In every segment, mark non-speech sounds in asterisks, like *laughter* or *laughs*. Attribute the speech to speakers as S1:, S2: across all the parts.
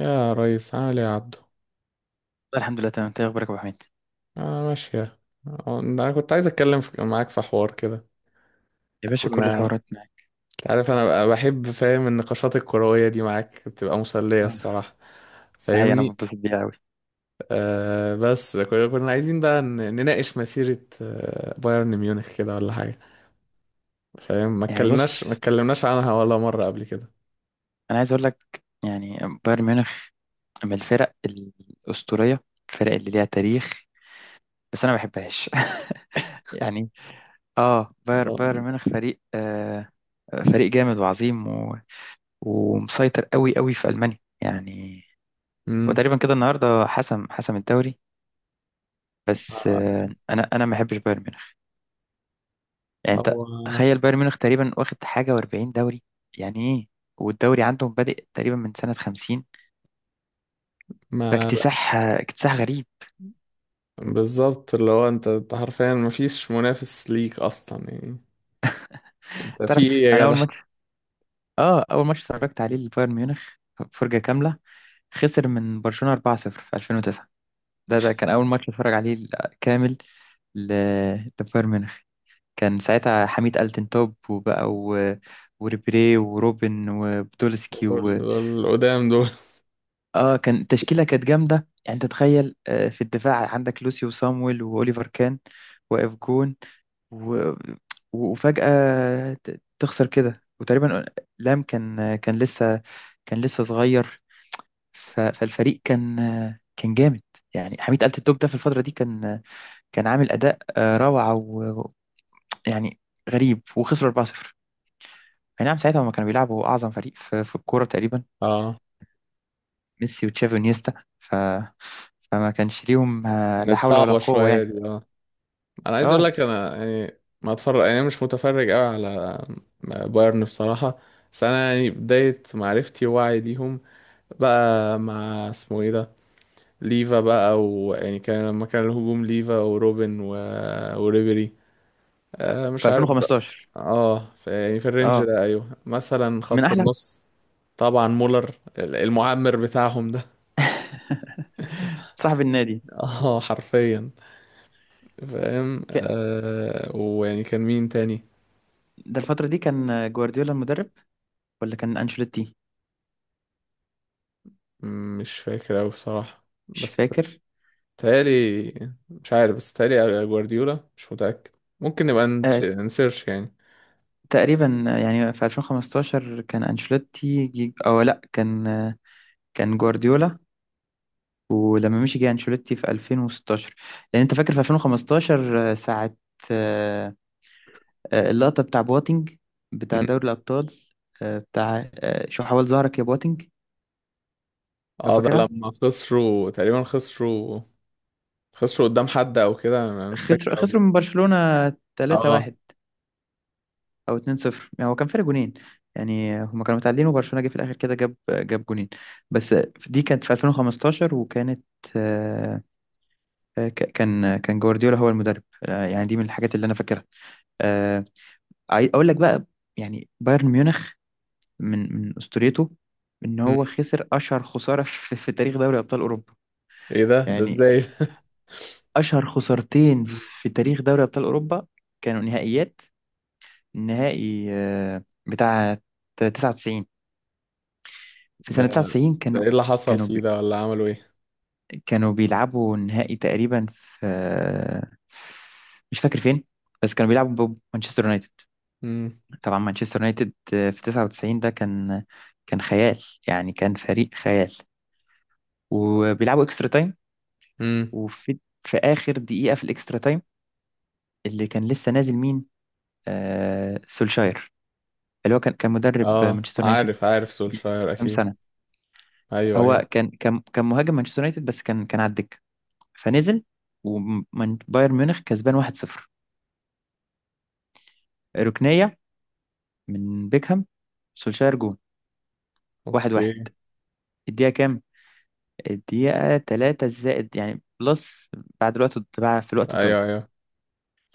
S1: يا ريس، عامل ايه يا عبدو؟
S2: الحمد لله، تمام. انت ايه اخبارك يا ابو حميد؟
S1: اه، ماشية. انا كنت عايز اتكلم معاك في حوار كده.
S2: يا باشا، كل
S1: كنا.
S2: الحوارات معاك.
S1: انت عارف انا بقى بحب، فاهم، النقاشات الكروية دي معاك بتبقى مسلية
S2: اه.
S1: الصراحة.
S2: ده حقيقي، انا
S1: فاهمني؟
S2: بتبسط بيها قوي.
S1: بس كنا عايزين بقى نناقش مسيرة بايرن ميونخ كده ولا حاجة. فاهم؟ ما
S2: يعني
S1: اتكلمناش ما
S2: بص،
S1: اتكلمناش عنها ولا مرة قبل كده.
S2: انا عايز اقول لك يعني، بايرن ميونخ من الفرق الاسطوريه، الفرق اللي ليها تاريخ. بس انا ما بحبهاش. *laughs* يعني،
S1: لا.
S2: بايرن ميونخ فريق فريق جامد وعظيم، و... ومسيطر قوي قوي في المانيا يعني.
S1: امم.
S2: وتقريبا كده النهارده حسم الدوري. بس، انا ما بحبش بايرن ميونخ. يعني انت
S1: هو.
S2: تخيل، بايرن ميونخ تقريبا واخد حاجه و40 دوري، يعني ايه؟ والدوري عندهم بادئ تقريبا من سنه 50،
S1: ما.
S2: فاكتساح، اكتساح غريب.
S1: بالظبط، اللي هو انت حرفيا مفيش منافس ليك اصلا يعني. ده في
S2: تعرف،
S1: ايه
S2: انا
S1: يا جدع؟
S2: اول ماتش اتفرجت عليه لبايرن ميونخ، فرجه كامله، خسر من برشلونه 4-0 في 2009. ده كان اول ماتش اتفرج عليه كامل، ل- لبايرن ميونخ. كان ساعتها حميد التنتوب وبقى، و... وريبيري وروبن وبدولسكي.
S1: دول القدام دول.
S2: اه، كان التشكيله كانت جامده. يعني انت تخيل، في الدفاع عندك لوسيو وصامويل واوليفر كان، واقف جون، و... وفجاه تخسر كده وتقريبا، لام كان لسه صغير. فالفريق كان، جامد. يعني حميد آلة الدوب ده في الفتره دي كان، عامل اداء روعه. ويعني غريب، وخسروا 4-0. اي نعم، ساعتها هما كانوا بيلعبوا اعظم فريق في الكوره تقريبا،
S1: اه.
S2: ميسي وتشافي ونيستا. فما كانش ليهم، لا
S1: كانت
S2: حول ولا
S1: صعبة
S2: قوة
S1: شوية
S2: يعني.
S1: دي، اه. انا عايز اقول
S2: اه،
S1: لك، انا يعني ما اتفرج، يعني انا مش متفرج قوي على بايرن بصراحة. بس انا يعني بداية معرفتي ووعي ليهم بقى مع اسمه ايه ده، ليفا بقى، ويعني كان لما كان الهجوم ليفا وروبن وريبيري.
S2: في
S1: مش عارف بقى.
S2: 2015.
S1: اه، في يعني في الرينج
S2: اه،
S1: ده، ايوه مثلا
S2: من
S1: خط
S2: احلى.
S1: النص. طبعا مولر، المعمر بتاعهم ده.
S2: *laughs* صاحب النادي.
S1: *laughs* اه، حرفيا. فاهم،
S2: ك-
S1: ويعني كان مين تاني؟
S2: ده الفترة دي كان جوارديولا المدرب ولا كان انشيلوتي؟
S1: مش فاكر أوي بصراحة،
S2: مش
S1: بس
S2: فاكر.
S1: تالي. مش عارف، بس تالي جوارديولا مش متأكد. ممكن نبقى
S2: آه
S1: نسيرش يعني.
S2: تقريبا، يعني في 2015 كان انشيلوتي او لا، كان جوارديولا، ولما مشي جه انشيلوتي في 2016. لان انت فاكر في 2015، ساعة، آه، اللقطة بتاع بواتينج، بتاع دوري
S1: مم.
S2: الابطال، بتاع، شو حاول ظهرك يا بواتينج، لو
S1: اه، ده
S2: فاكرها.
S1: لما خسروا، تقريبا خسروا. خسروا قدام حد او كده، انا مش
S2: خسروا
S1: فاكر أوي.
S2: خسروا من برشلونة
S1: اه.
S2: 3-1 او 2-0، يعني هو كان فرق جونين. يعني هما كانوا متعادلين، وبرشلونة جه في الاخر كده جاب جونين بس. دي كانت في 2015، وكانت، آه، كان جوارديولا هو المدرب. يعني دي من الحاجات اللي انا فاكرها. آه، اقول لك بقى، يعني بايرن ميونخ من اسطوريته ان هو
S1: مم.
S2: خسر اشهر خسارة *laughs* في تاريخ دوري ابطال اوروبا.
S1: ايه ده ده
S2: يعني
S1: ازاي؟ *laughs*
S2: اشهر خسارتين
S1: مم.
S2: في تاريخ دوري ابطال اوروبا. كانوا نهائيات، النهائي بتاع 99. في
S1: ده
S2: سنة 99
S1: ده
S2: كانوا،
S1: ايه اللي حصل
S2: كانوا
S1: فيه
S2: بي
S1: ده، ولا عملوا ايه؟
S2: كانوا بيلعبوا النهائي تقريبا في، مش فاكر فين، بس كانوا بيلعبوا بمانشستر يونايتد.
S1: امم.
S2: طبعا مانشستر يونايتد في 99 ده كان، خيال. يعني كان فريق خيال، وبيلعبوا اكسترا تايم،
S1: امم.
S2: وفي في آخر دقيقة في الاكسترا تايم، اللي كان لسه نازل مين؟ سولشاير، اللي هو كان مدرب
S1: اه،
S2: مانشستر يونايتد
S1: عارف عارف
S2: من
S1: سولشاير
S2: كام
S1: اكيد.
S2: سنة.
S1: ايوه،
S2: هو
S1: ايوه.
S2: كان مهاجم مانشستر يونايتد، بس كان على الدكه، فنزل. وبايرن ميونخ كسبان 1-0، ركنيه من بيكهام، سولشاير جون، 1-1.
S1: اوكي.
S2: الدقيقه كام؟ الدقيقه 3 زائد يعني بلس، بعد الوقت، بعد في الوقت الضايع.
S1: ايوه، ايوه.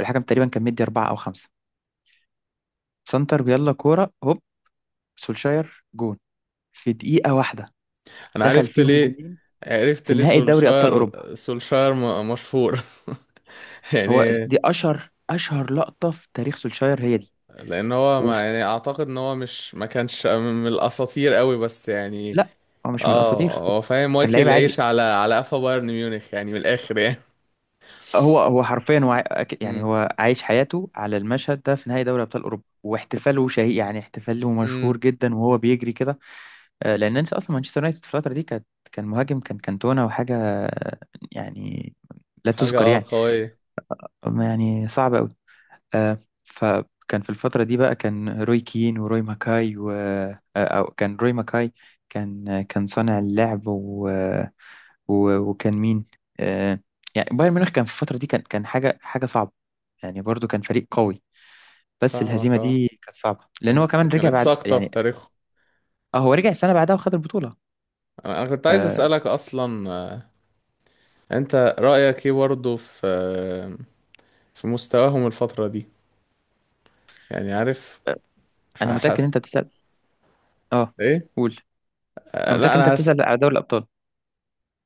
S2: الحكم تقريبا كان مدي 4 او 5. سنتر، يلا كوره هوب، سولشاير جون، في دقيقه واحده
S1: انا
S2: دخل
S1: عرفت
S2: فيهم
S1: ليه.
S2: جونين
S1: عرفت
S2: في
S1: ليه
S2: نهائي دوري ابطال
S1: سولشاير.
S2: اوروبا.
S1: سولشاير مشهور *laughs*
S2: هو
S1: يعني.
S2: دي اشهر، اشهر لقطه في تاريخ سولشاير هي دي.
S1: لان هو، ما
S2: وفي
S1: يعني، اعتقد ان هو مش، ما كانش من الاساطير قوي، بس يعني.
S2: لا، هو مش من
S1: اه،
S2: الاساطير،
S1: هو فاهم،
S2: كان
S1: واكل
S2: لعيب عادي.
S1: العيش على قفا بايرن ميونخ يعني، من الاخر يعني. *laughs*
S2: هو حرفيا، هو يعني
S1: امم.
S2: هو عايش حياته على المشهد ده في نهائي دوري ابطال اوروبا، واحتفاله شهي، يعني احتفاله مشهور
S1: امم.
S2: جدا وهو بيجري كده. لان انت اصلا، مانشستر يونايتد في الفتره دي كانت، كان مهاجم، كان كانتونا وحاجه، يعني لا
S1: حاجه
S2: تذكر يعني،
S1: قويه.
S2: أما يعني صعب قوي. فكان في الفترة دي بقى، كان روي كين وروي ماكاي و آه، أو كان روي ماكاي، كان صانع اللعب، و... و... وكان مين، آه، يعني بايرن ميونخ كان في الفترة دي، كان حاجة، حاجة صعبة. يعني برضو كان فريق قوي، بس
S1: فاهمك،
S2: الهزيمة
S1: اه.
S2: دي كانت صعبة لأن هو
S1: كانت
S2: كمان رجع
S1: كانت
S2: بعد
S1: ساقطه في
S2: يعني.
S1: تاريخه.
S2: اه، هو رجع السنة بعدها وخد البطولة.
S1: انا كنت عايز
S2: آه،
S1: اسالك اصلا انت رايك ايه برضه في في مستواهم الفتره دي؟ يعني عارف،
S2: أنا متأكد إن
S1: حاسس.
S2: أنت بتسأل. اه،
S1: ايه؟
S2: قول. أنا متأكد
S1: لا
S2: إن أنت
S1: انا هسأل.
S2: بتسأل على دوري الأبطال.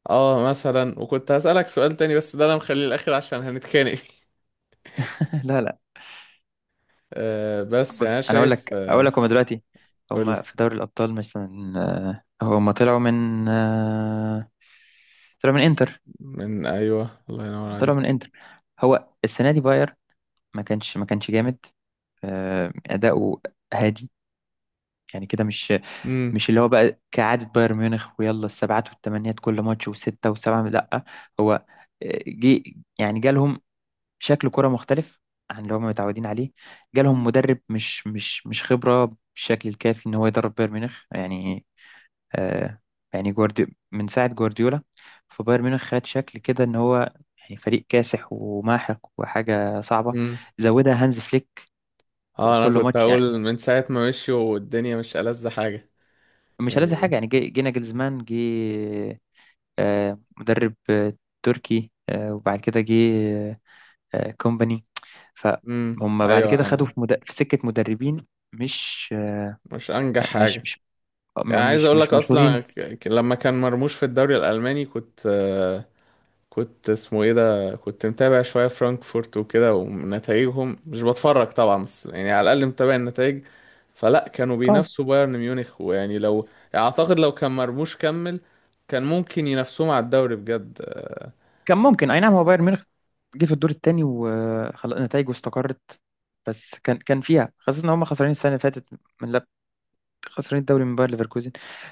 S1: اه مثلا، وكنت هسألك سؤال تاني، بس ده انا مخليه الاخر عشان هنتخانق فيه. *laughs*
S2: *laughs* لا، لا،
S1: بس يعني
S2: بص
S1: انا
S2: انا اقول
S1: شايف
S2: لك اقول لك هما دلوقتي،
S1: قول.
S2: هما في دوري الابطال مثلا، هما طلعوا من انتر.
S1: من، ايوه، الله ينور
S2: طلعوا من
S1: عليك.
S2: انتر. هو السنه دي ما كانش جامد، اداؤه هادي، يعني كده مش
S1: امم.
S2: مش اللي هو بقى كعاده بايرن ميونخ ويلا السبعات والثمانيات كل ماتش وسته وسبعه، لا. هو آه، جه يعني جالهم شكل كرة مختلف عن اللي هم متعودين عليه. جالهم مدرب مش خبرة بالشكل الكافي ان هو يدرب بايرن ميونخ يعني. آه يعني من ساعة جوارديولا، فبايرن ميونخ خد شكل كده ان هو يعني فريق كاسح وماحق وحاجة صعبة.
S1: امم.
S2: زودها هانز فليك،
S1: اه، انا
S2: وكل
S1: كنت
S2: ماتش يعني
S1: هقول من ساعة ما مشي والدنيا مش ألذ حاجة،
S2: مش لازم حاجة.
S1: يعني.
S2: يعني جينا جلزمان جه، مدرب تركي، وبعد كده جه كومباني.
S1: امم،
S2: فهم بعد
S1: ايوه،
S2: كده خدوا في سكة مدربين مش
S1: مش انجح
S2: مش
S1: حاجة.
S2: مش
S1: يعني عايز
S2: مش
S1: اقول
S2: مش
S1: لك اصلا،
S2: مشهورين.
S1: لما كان مرموش في الدوري الالماني كنت كنت، اسمه ايه ده، كنت متابع شوية فرانكفورت وكده، ونتائجهم، مش بتفرج طبعا، بس يعني على الأقل متابع النتائج. فلا كانوا
S2: اه،
S1: بينافسوا بايرن ميونخ، ويعني لو، يعني أعتقد لو كان مرموش كمل، كان ممكن ينافسوهم على الدوري بجد.
S2: كان ممكن اي نعم. هو بايرن ميونخ جه في الدور الثاني، وخلاص نتائجه استقرت. بس كان فيها خاصة ان هم خسرانين السنة اللي فاتت، من لب... خسرانين الدوري من باير ليفركوزن.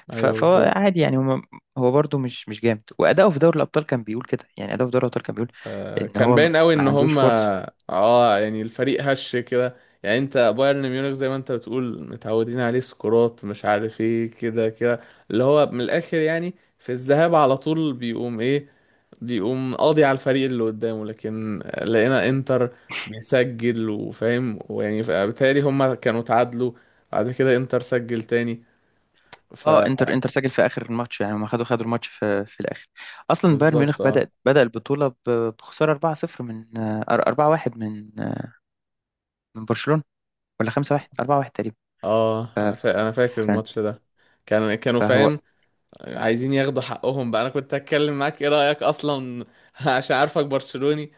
S1: ايوه
S2: فهو
S1: بالظبط.
S2: عادي يعني، هم، هو برده مش جامد، واداؤه في دوري الابطال كان بيقول كده، يعني اداؤه في دوري الابطال كان بيقول ان
S1: كان
S2: هو ما
S1: باين قوي ان
S2: عندوش
S1: هم،
S2: فرصة.
S1: اه، يعني الفريق هش كده. يعني انت بايرن ميونخ زي ما انت بتقول، متعودين عليه سكورات، مش عارف ايه، كده كده، اللي هو من الاخر يعني، في الذهاب على طول بيقوم ايه، بيقوم قاضي على الفريق اللي قدامه، لكن لقينا انتر بيسجل، وفاهم، ويعني بالتالي هما كانوا تعادلوا، بعد كده انتر سجل تاني، ف...
S2: اه، انتر سجل في اخر الماتش، يعني هم خدوا الماتش في الاخر. اصلا بايرن ميونخ
S1: بالظبط،
S2: بدأ
S1: اه.
S2: بدأ البطوله بخساره 4-0 من 4-1 من برشلونه، ولا 5-1، 4-1 تقريبا.
S1: اه،
S2: ف-
S1: انا فاكر
S2: ف-
S1: الماتش ده. كان كانوا،
S2: فهو،
S1: فاهم، عايزين ياخدوا حقهم بقى. انا كنت هتكلم معاك ايه رأيك اصلا *laughs* عشان عارفك برشلوني.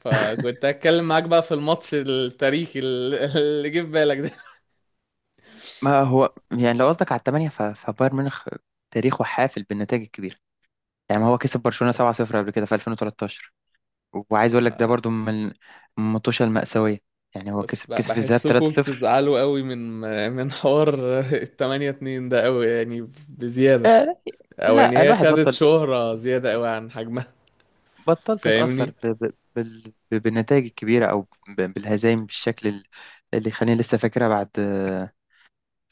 S1: فكنت هتكلم معاك بقى في الماتش التاريخي، اللي *laughs* اللي جه في بالك ده. *laughs*
S2: ما هو يعني لو قصدك على الثمانيه، فبايرن ميونخ تاريخه حافل بالنتائج الكبيره. يعني ما هو كسب برشلونه
S1: بس
S2: 7-0 قبل كده في 2013، وعايز اقول لك ده
S1: آه.
S2: برضو من المطوشه المأساويه. يعني هو
S1: بس
S2: كسب كسب في الذهاب
S1: بحسكم
S2: 3-0.
S1: بتزعلوا قوي من حوار *laughs* 8-2 ده قوي، يعني بزيادة،
S2: آه،
S1: او يعني
S2: لا،
S1: هي
S2: الواحد
S1: خدت
S2: بطل،
S1: شهرة زيادة قوي عن حجمها.
S2: بطلت اتاثر
S1: فاهمني.
S2: بالنتائج الكبيره، او بالهزايم بالشكل اللي خليني لسه فاكرها بعد،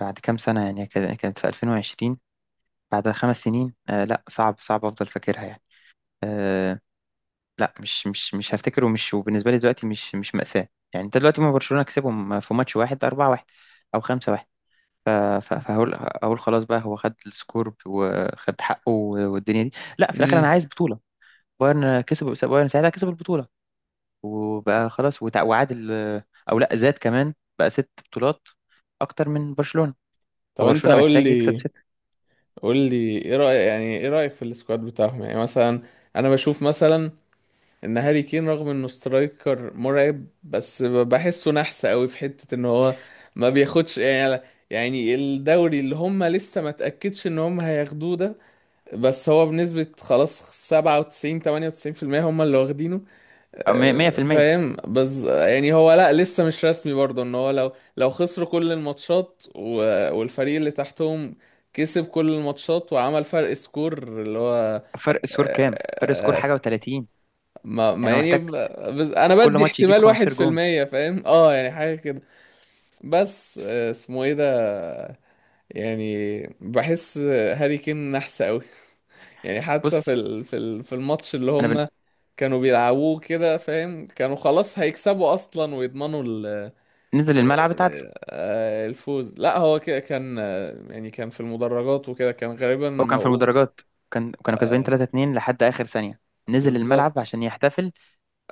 S2: كام سنه يعني، كانت في 2020، بعد 5 سنين. لا، صعب، صعب افضل فاكرها يعني. آه لا، مش هفتكره، مش وبالنسبه لي دلوقتي مش مأساة. يعني انت دلوقتي، ما برشلونه كسبهم في ماتش واحد 4-1 او 5-1، ف- فهقول، اقول خلاص بقى هو خد السكور وخد حقه والدنيا دي. لا، في الاخر انا
S1: امم.
S2: عايز بطوله. بايرن كسب، بايرن ساعتها كسب البطوله، وبقى خلاص، وعادل، او لا، زاد كمان بقى ست بطولات اكتر من برشلونة.
S1: طب انت
S2: فبرشلونة
S1: قول
S2: محتاج يكسب
S1: لي،
S2: ستة،
S1: قول لي ايه رأيك، يعني ايه رأيك في السكواد بتاعهم، يعني مثلا. انا بشوف مثلا ان هاري كين، رغم انه سترايكر مرعب، بس بحسه نحس قوي في حتة ان هو ما بياخدش، يعني. يعني الدوري اللي هم لسه ما تأكدش ان هم هياخدوه ده، بس هو بنسبة، خلاص، 97، 98%، هما اللي واخدينه.
S2: أو 100%.
S1: فاهم، بس يعني هو لا، لسه مش رسمي برضه، ان هو لو، لو خسروا كل الماتشات والفريق اللي تحتهم كسب كل الماتشات وعمل فرق سكور اللي هو
S2: فرق سكور كام؟ فرق سكور
S1: آه،
S2: حاجة و30،
S1: ما
S2: يعني هو
S1: يعني
S2: محتاج
S1: بس انا
S2: كل
S1: بدي
S2: ماتش يجيب
S1: احتمال واحد
S2: 15
S1: في
S2: جون.
S1: المية فاهم، اه، يعني حاجة كده. بس اسمه ايه ده، يعني بحس هاري كين نحس قوي. *laughs* يعني حتى
S2: بص
S1: في الماتش اللي
S2: انا
S1: هم كانوا بيلعبوه كده، فاهم، كانوا خلاص هيكسبوا اصلا ويضمنوا ال...
S2: نزل الملعب اتعادل.
S1: آه، الفوز. لا، هو كده كان، يعني كان في المدرجات وكده، كان غالبا
S2: هو كان في
S1: موقوف.
S2: المدرجات، كانوا كسبانين 3-2 لحد اخر ثانية، نزل الملعب
S1: بالظبط.
S2: عشان يحتفل.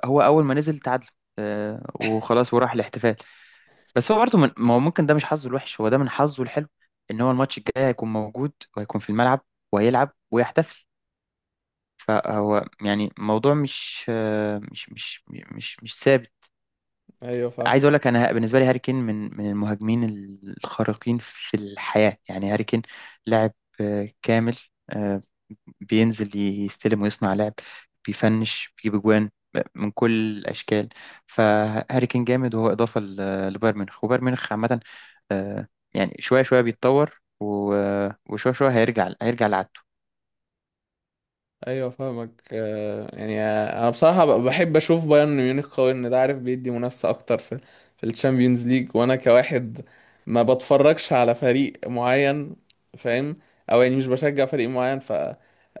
S2: هو اول ما نزل تعادل، وخلاص، وراح الاحتفال. بس هو برضه، ما هو ممكن ده مش حظه الوحش، هو ده من حظه الحلو، ان هو الماتش الجاي هيكون موجود وهيكون في الملعب وهيلعب ويحتفل. فهو يعني الموضوع مش آه، مش مش مش مش ثابت.
S1: ايوه فاهم.
S2: عايز اقول لك، انا بالنسبه لي هاري كين من المهاجمين الخارقين في الحياه، يعني هاري كين لاعب كامل، آه، بينزل يستلم ويصنع لعب، بيفنش، بيجيب اجوان من كل الاشكال. فهاري كين جامد، وهو اضافه لبايرن ميونخ. وبايرن ميونخ عامه، آه، يعني شوية شوية بيتطور و- آه، وشوية شوية هيرجع لعادته.
S1: ايوه فاهمك، يعني انا بصراحه بحب اشوف بايرن ميونخ قوي، ان ده، عارف، بيدي منافسه اكتر في الشامبيونز ليج، وانا كواحد ما بتفرجش على فريق معين، فاهم، او يعني مش بشجع فريق معين، ف...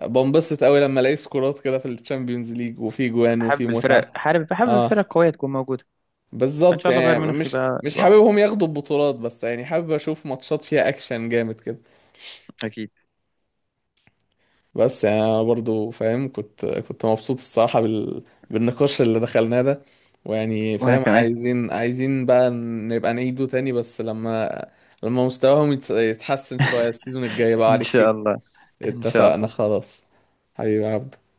S1: بنبسط قوي لما الاقي سكورات كده في الشامبيونز ليج، وفي جوان، وفي
S2: حابب
S1: متعه.
S2: الفرق، حابب الفرق
S1: اه
S2: القوية تكون موجودة. فإن
S1: بالظبط،
S2: شاء الله
S1: يعني
S2: بايرن ميونخ
S1: مش
S2: يبقى
S1: مش
S2: يبقى أقوى.
S1: حاببهم ياخدوا البطولات، بس يعني حابب اشوف ماتشات فيها اكشن جامد كده.
S2: أكيد.
S1: بس يعني انا برضو فاهم، كنت مبسوط الصراحة بالنقاش اللي دخلناه ده، ويعني
S2: وأنا
S1: فاهم،
S2: كمان.
S1: عايزين بقى نبقى نعيده تاني، بس لما مستواهم يتحسن شوية السيزون الجاي بقى
S2: إن شاء
S1: عليك.
S2: الله،
S1: *laughs*
S2: إن شاء
S1: اتفقنا،
S2: الله.
S1: خلاص. حبيبي عبد.